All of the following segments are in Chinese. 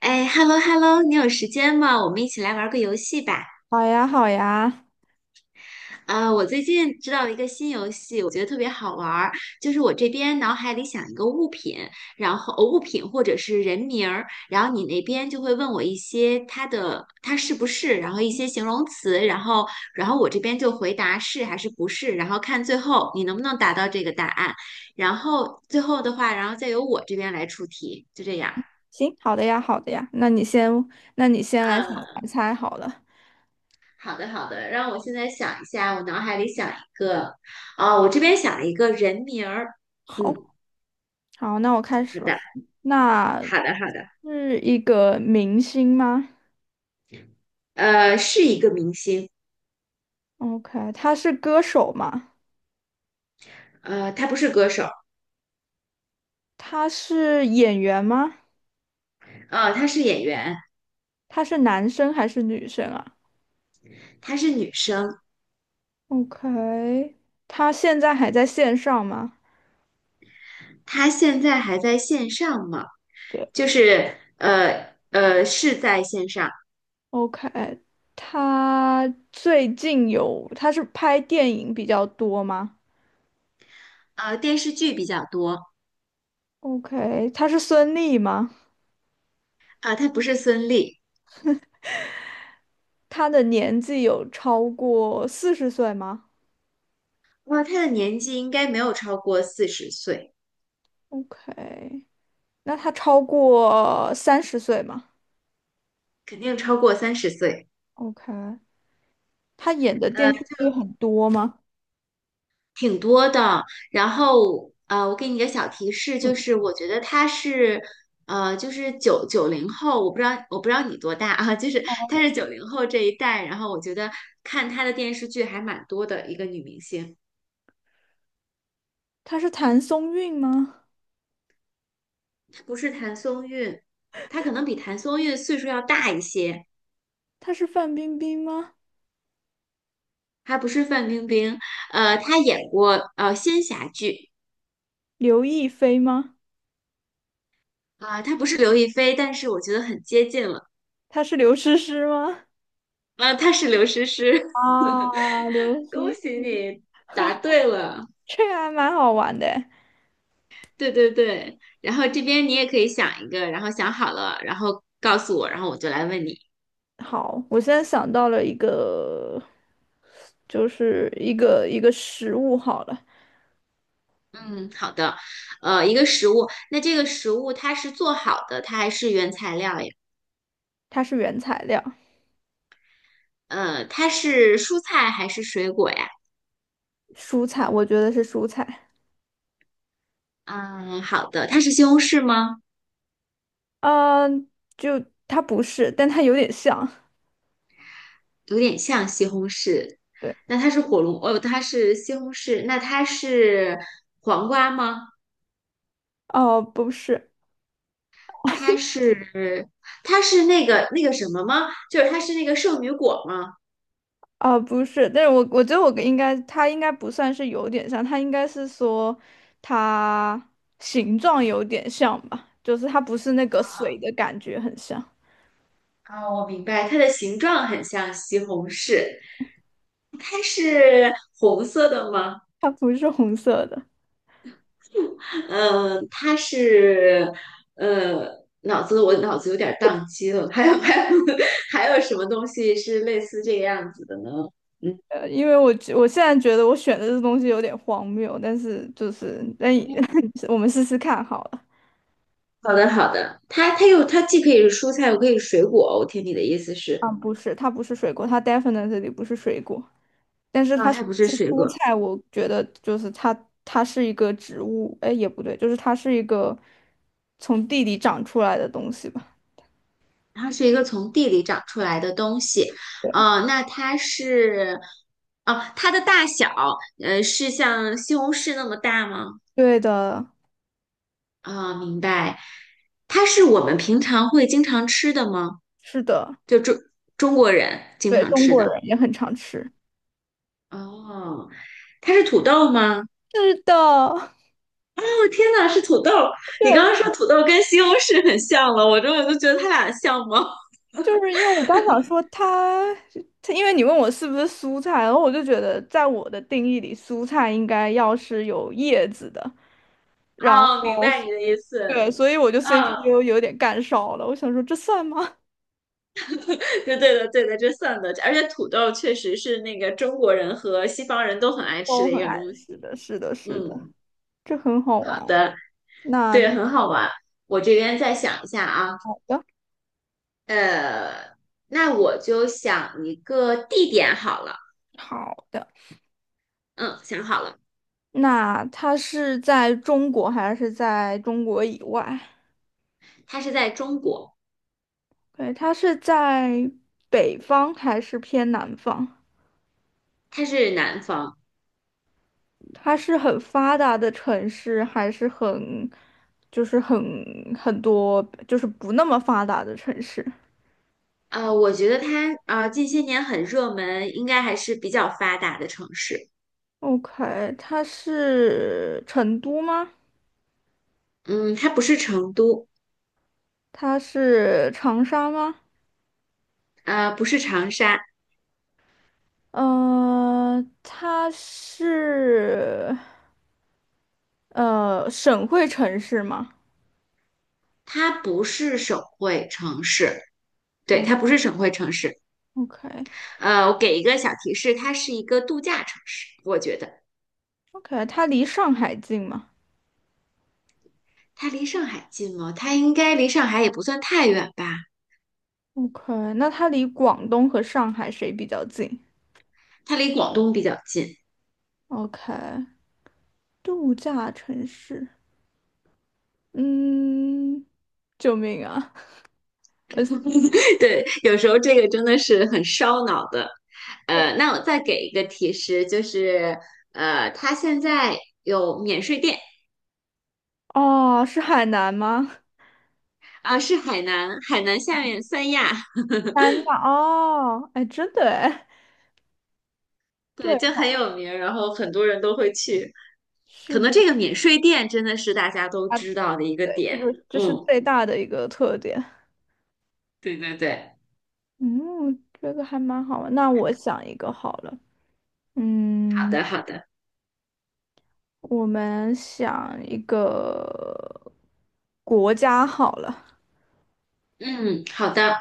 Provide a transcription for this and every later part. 哎，hello hello，你有时间吗？我们一起来玩个游戏吧。好呀，好呀，啊，我最近知道了一个新游戏，我觉得特别好玩儿。就是我这边脑海里想一个物品，然后物品或者是人名儿，然后你那边就会问我一些它是不是，然后一些形容词，然后我这边就回答是还是不是，然后看最后你能不能达到这个答案。然后最后的话，然后再由我这边来出题，就这样。行，好的呀，好的呀。那你先来想嗯。来猜好了。好的，好的，让我现在想一下，我脑海里想一个，啊、我这边想了一个人名儿。好，嗯，好，那我开好始了。的，那好的，好的。是一个明星吗呃，是一个明星。？OK，他是歌手吗？呃，她不是歌手。他是演员吗？呃，她是演员。他是男生还是女生啊她是女生。？OK，他现在还在线上吗？她现在还在线上吗？对就是是在线上。，OK，他最近有，他是拍电影比较多吗呃，电视剧比较多。？OK，他是孙俪吗？啊、她不是孙俪。他的年纪有超过40岁吗哇、她的年纪应该没有超过40岁。？OK，那他超过30岁吗肯定超过30岁。？OK，他演的电呃视剧很多吗？挺多的。然后我给你一个小提示，嗯，就是我觉得她是就是九零后，我不知道你多大啊，就是她是九零后这一代。然后我觉得看她的电视剧还蛮多的一个女明星。他是谭松韵吗？她不是谭松韵，她可能比谭松韵岁数要大一些。他是范冰冰吗？她不是范冰冰。她演过仙侠剧。刘亦菲吗？啊，她不是刘亦菲，但是我觉得很接近了。他是刘诗诗吗？啊，她是刘诗诗。啊，刘 恭诗喜诗，你答对了。这个还蛮好玩的诶。对对对，然后这边你也可以想一个，然后想好了，然后告诉我，然后我就来问你。好，我现在想到了一个，就是一个食物好了，嗯，好的。一个食物，那这个食物它是做好的，它还是原材料呀？它是原材料，它是蔬菜还是水果呀？蔬菜，我觉得是蔬菜。嗯，好的。它是西红柿吗？嗯、就它不是，但它有点像。有点像西红柿。对。那它是火龙，哦，它是西红柿。那它是黄瓜吗？哦，不是。它是它是那个什么吗？就是它是那个圣女果吗？哦，不是。但是我觉得我应该，它应该不算是有点像，它应该是说它形状有点像吧，就是它不是那个水的感觉很像，啊，我明白，它的形状很像西红柿。它是红色的吗？它不是红色的。嗯，它是，呃，我脑子有点儿宕机了。还有 还有什么东西是类似这个样子的呢？因为我现在觉得我选的这东西有点荒谬，但是就是但 嗯，我们试试看好了。好的好的。它既可以是蔬菜，又可以是水果，我听你的意思是，啊，不是，它不是水果，它 definitely 不是水果。但是啊，它是它不不是是水蔬果。菜，我觉得就是它，它是一个植物，哎，也不对，就是它是一个从地里长出来的东西吧？它是一个从地里长出来的东西。那它是，哦，它的大小，是像西红柿那么大吗？对的。啊，明白。它是我们平常会经常吃的吗？是的。就中中国人经对，常中吃国的。人也很常吃。哦，它是土豆吗？是的。哦，天呐，是土豆！你对，刚刚说土豆跟西红柿很像了，我就觉得它俩像吗？就是因为我刚想说它，它因为你问我是不是蔬菜，然后我就觉得在我的定义里，蔬菜应该要是有叶子的，然后哦，明白你的意思。对，所以我就 嗯 CPU 有点干烧了，我想说这算吗？对对的，对的，这算的。而且土豆确实是那个中国人和西方人都很爱 吃我的一很个爱东吃西。的，是的，是的。嗯，这很好好玩。的。那对，很好玩。我这边再想一下啊。好的，呃，那我就想一个地点好了。好的。嗯，想好了。那它是在中国还是在中国以外？它是在中国。对，它是在北方还是偏南方？它是南方。它是很发达的城市，还是很，就是很多，就是不那么发达的城市我觉得它近些年很热门，应该还是比较发达的城市。？OK，它是成都吗？嗯，它不是成都。它是长沙吗？不是长沙。它是。省会城市吗？它不是省会城市。对，嗯它不是省会城市。，OK 我给一个小提示，它是一个度假城市。我觉得 OK，它离上海近吗它离上海近吗？它应该离上海也不算太远吧。？OK，那它离广东和上海谁比较近它离广东比较近。？OK，度假城市，嗯，救命啊！我 对，有时候这个真的是很烧脑的。那我再给一个提示，就是它现在有免税店。哦，是海南吗？啊、是海南，海南下面三亚。三亚。哦，哎，真的哎！对，对，就很有名，然后很多人都会去。可是能的。这个免税店真的是大家都啊，知道的一个对，这点。个这是嗯，最大的一个特点。对对对。嗯，这个还蛮好玩。那我想一个好了，好嗯。的，好的。我们想一个国家好了。嗯，好的。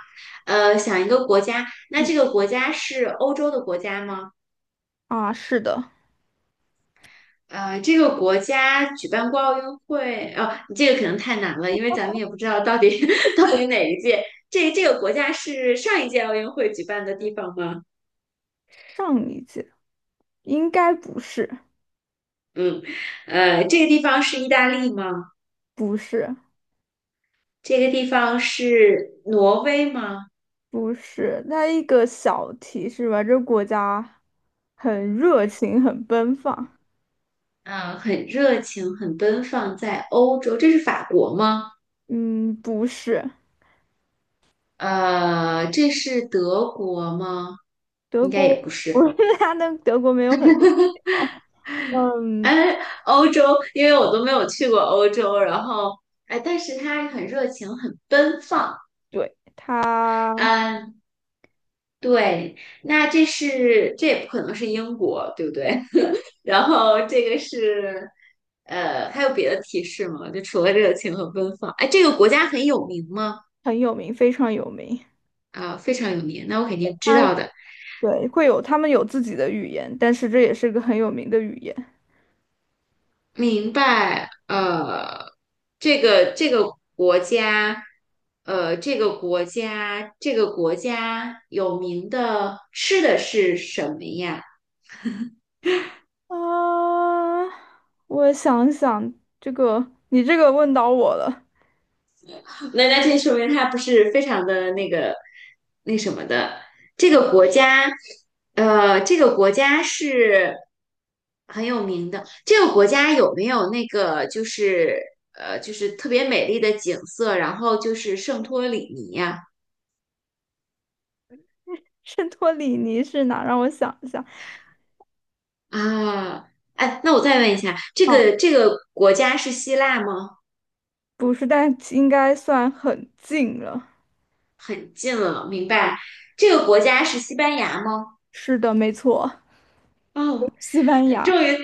想一个国家，那这个国家是欧洲的国家吗？啊，是的，这个国家举办过奥运会，哦，这个可能太难了，因为咱们也不知道到底 到底哪一届。这个国家是上一届奥运会举办的地方吗？上一届应该不是，嗯。这个地方是意大利吗？不是，这个地方是挪威吗？不是。那一个小提示吧，这国家很热情，很奔放。嗯、很热情，很奔放，在欧洲，这是法国吗？嗯，不是，这是德国吗？德应该也国，不 我是。们他的德国没有很多地方。嗯，哎，欧洲，因为我都没有去过欧洲，然后哎，但是他很热情，很奔放。对，他嗯，对，那这是这也不可能是英国，对不对？然后这个是还有别的提示吗？就除了热情和奔放，哎，这个国家很有名吗？很有名，非常有名。啊，非常有名，那我肯定知他道的。对会有，他们有自己的语言，但是这也是个很有名的语言。明白。这个国家，这个国家，这个国家有名的吃的是什么呀？啊，我想想，这个你这个问到我了。那这说明它不是非常的那个那什么的。这对，个国家，这个国家是很有名的。这个国家有没有那个就是就是特别美丽的景色，然后就是圣托里尼呀？圣托里尼是哪？让我想一下。啊，哎，那我再问一下，这啊，个这个国家是希腊吗？不是，但应该算很近了。很近了，明白。这个国家是西班牙吗？是的，没错，哦，西班牙。终于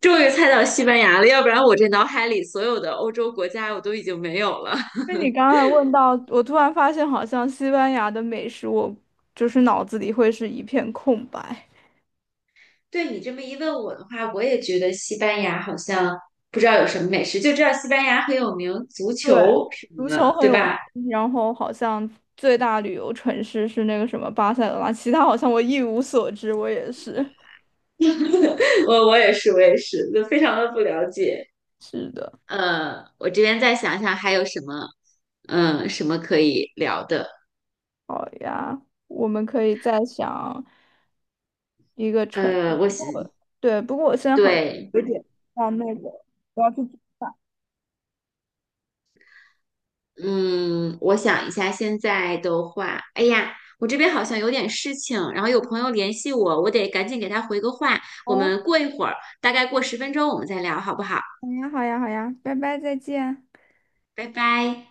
终于猜到西班牙了，要不然我这脑海里所有的欧洲国家我都已经没有了。因为 你刚才问到，我突然发现，好像西班牙的美食，我就是脑子里会是一片空白。对你这么一问我的话，我也觉得西班牙好像不知道有什么美食，就知道西班牙很有名足对，球什么足球的，很对有吧？名，然后好像最大旅游城市是那个什么巴塞罗那，其他好像我一无所知。我也是，我也是，我也是，就非常的不了解。是的。我这边再想想还有什么。什么可以聊的？呀，我们可以再想一个城市。我不想，过对，不过我现在好像对。有点像那个，我要去。嗯，我想一下，现在的话，哎呀，我这边好像有点事情，然后有朋友联系我，我得赶紧给他回个话。我好呀，们过一会儿，大概过10分钟，我们再聊，好不好？好呀，好呀，好呀，拜拜，再见。拜拜。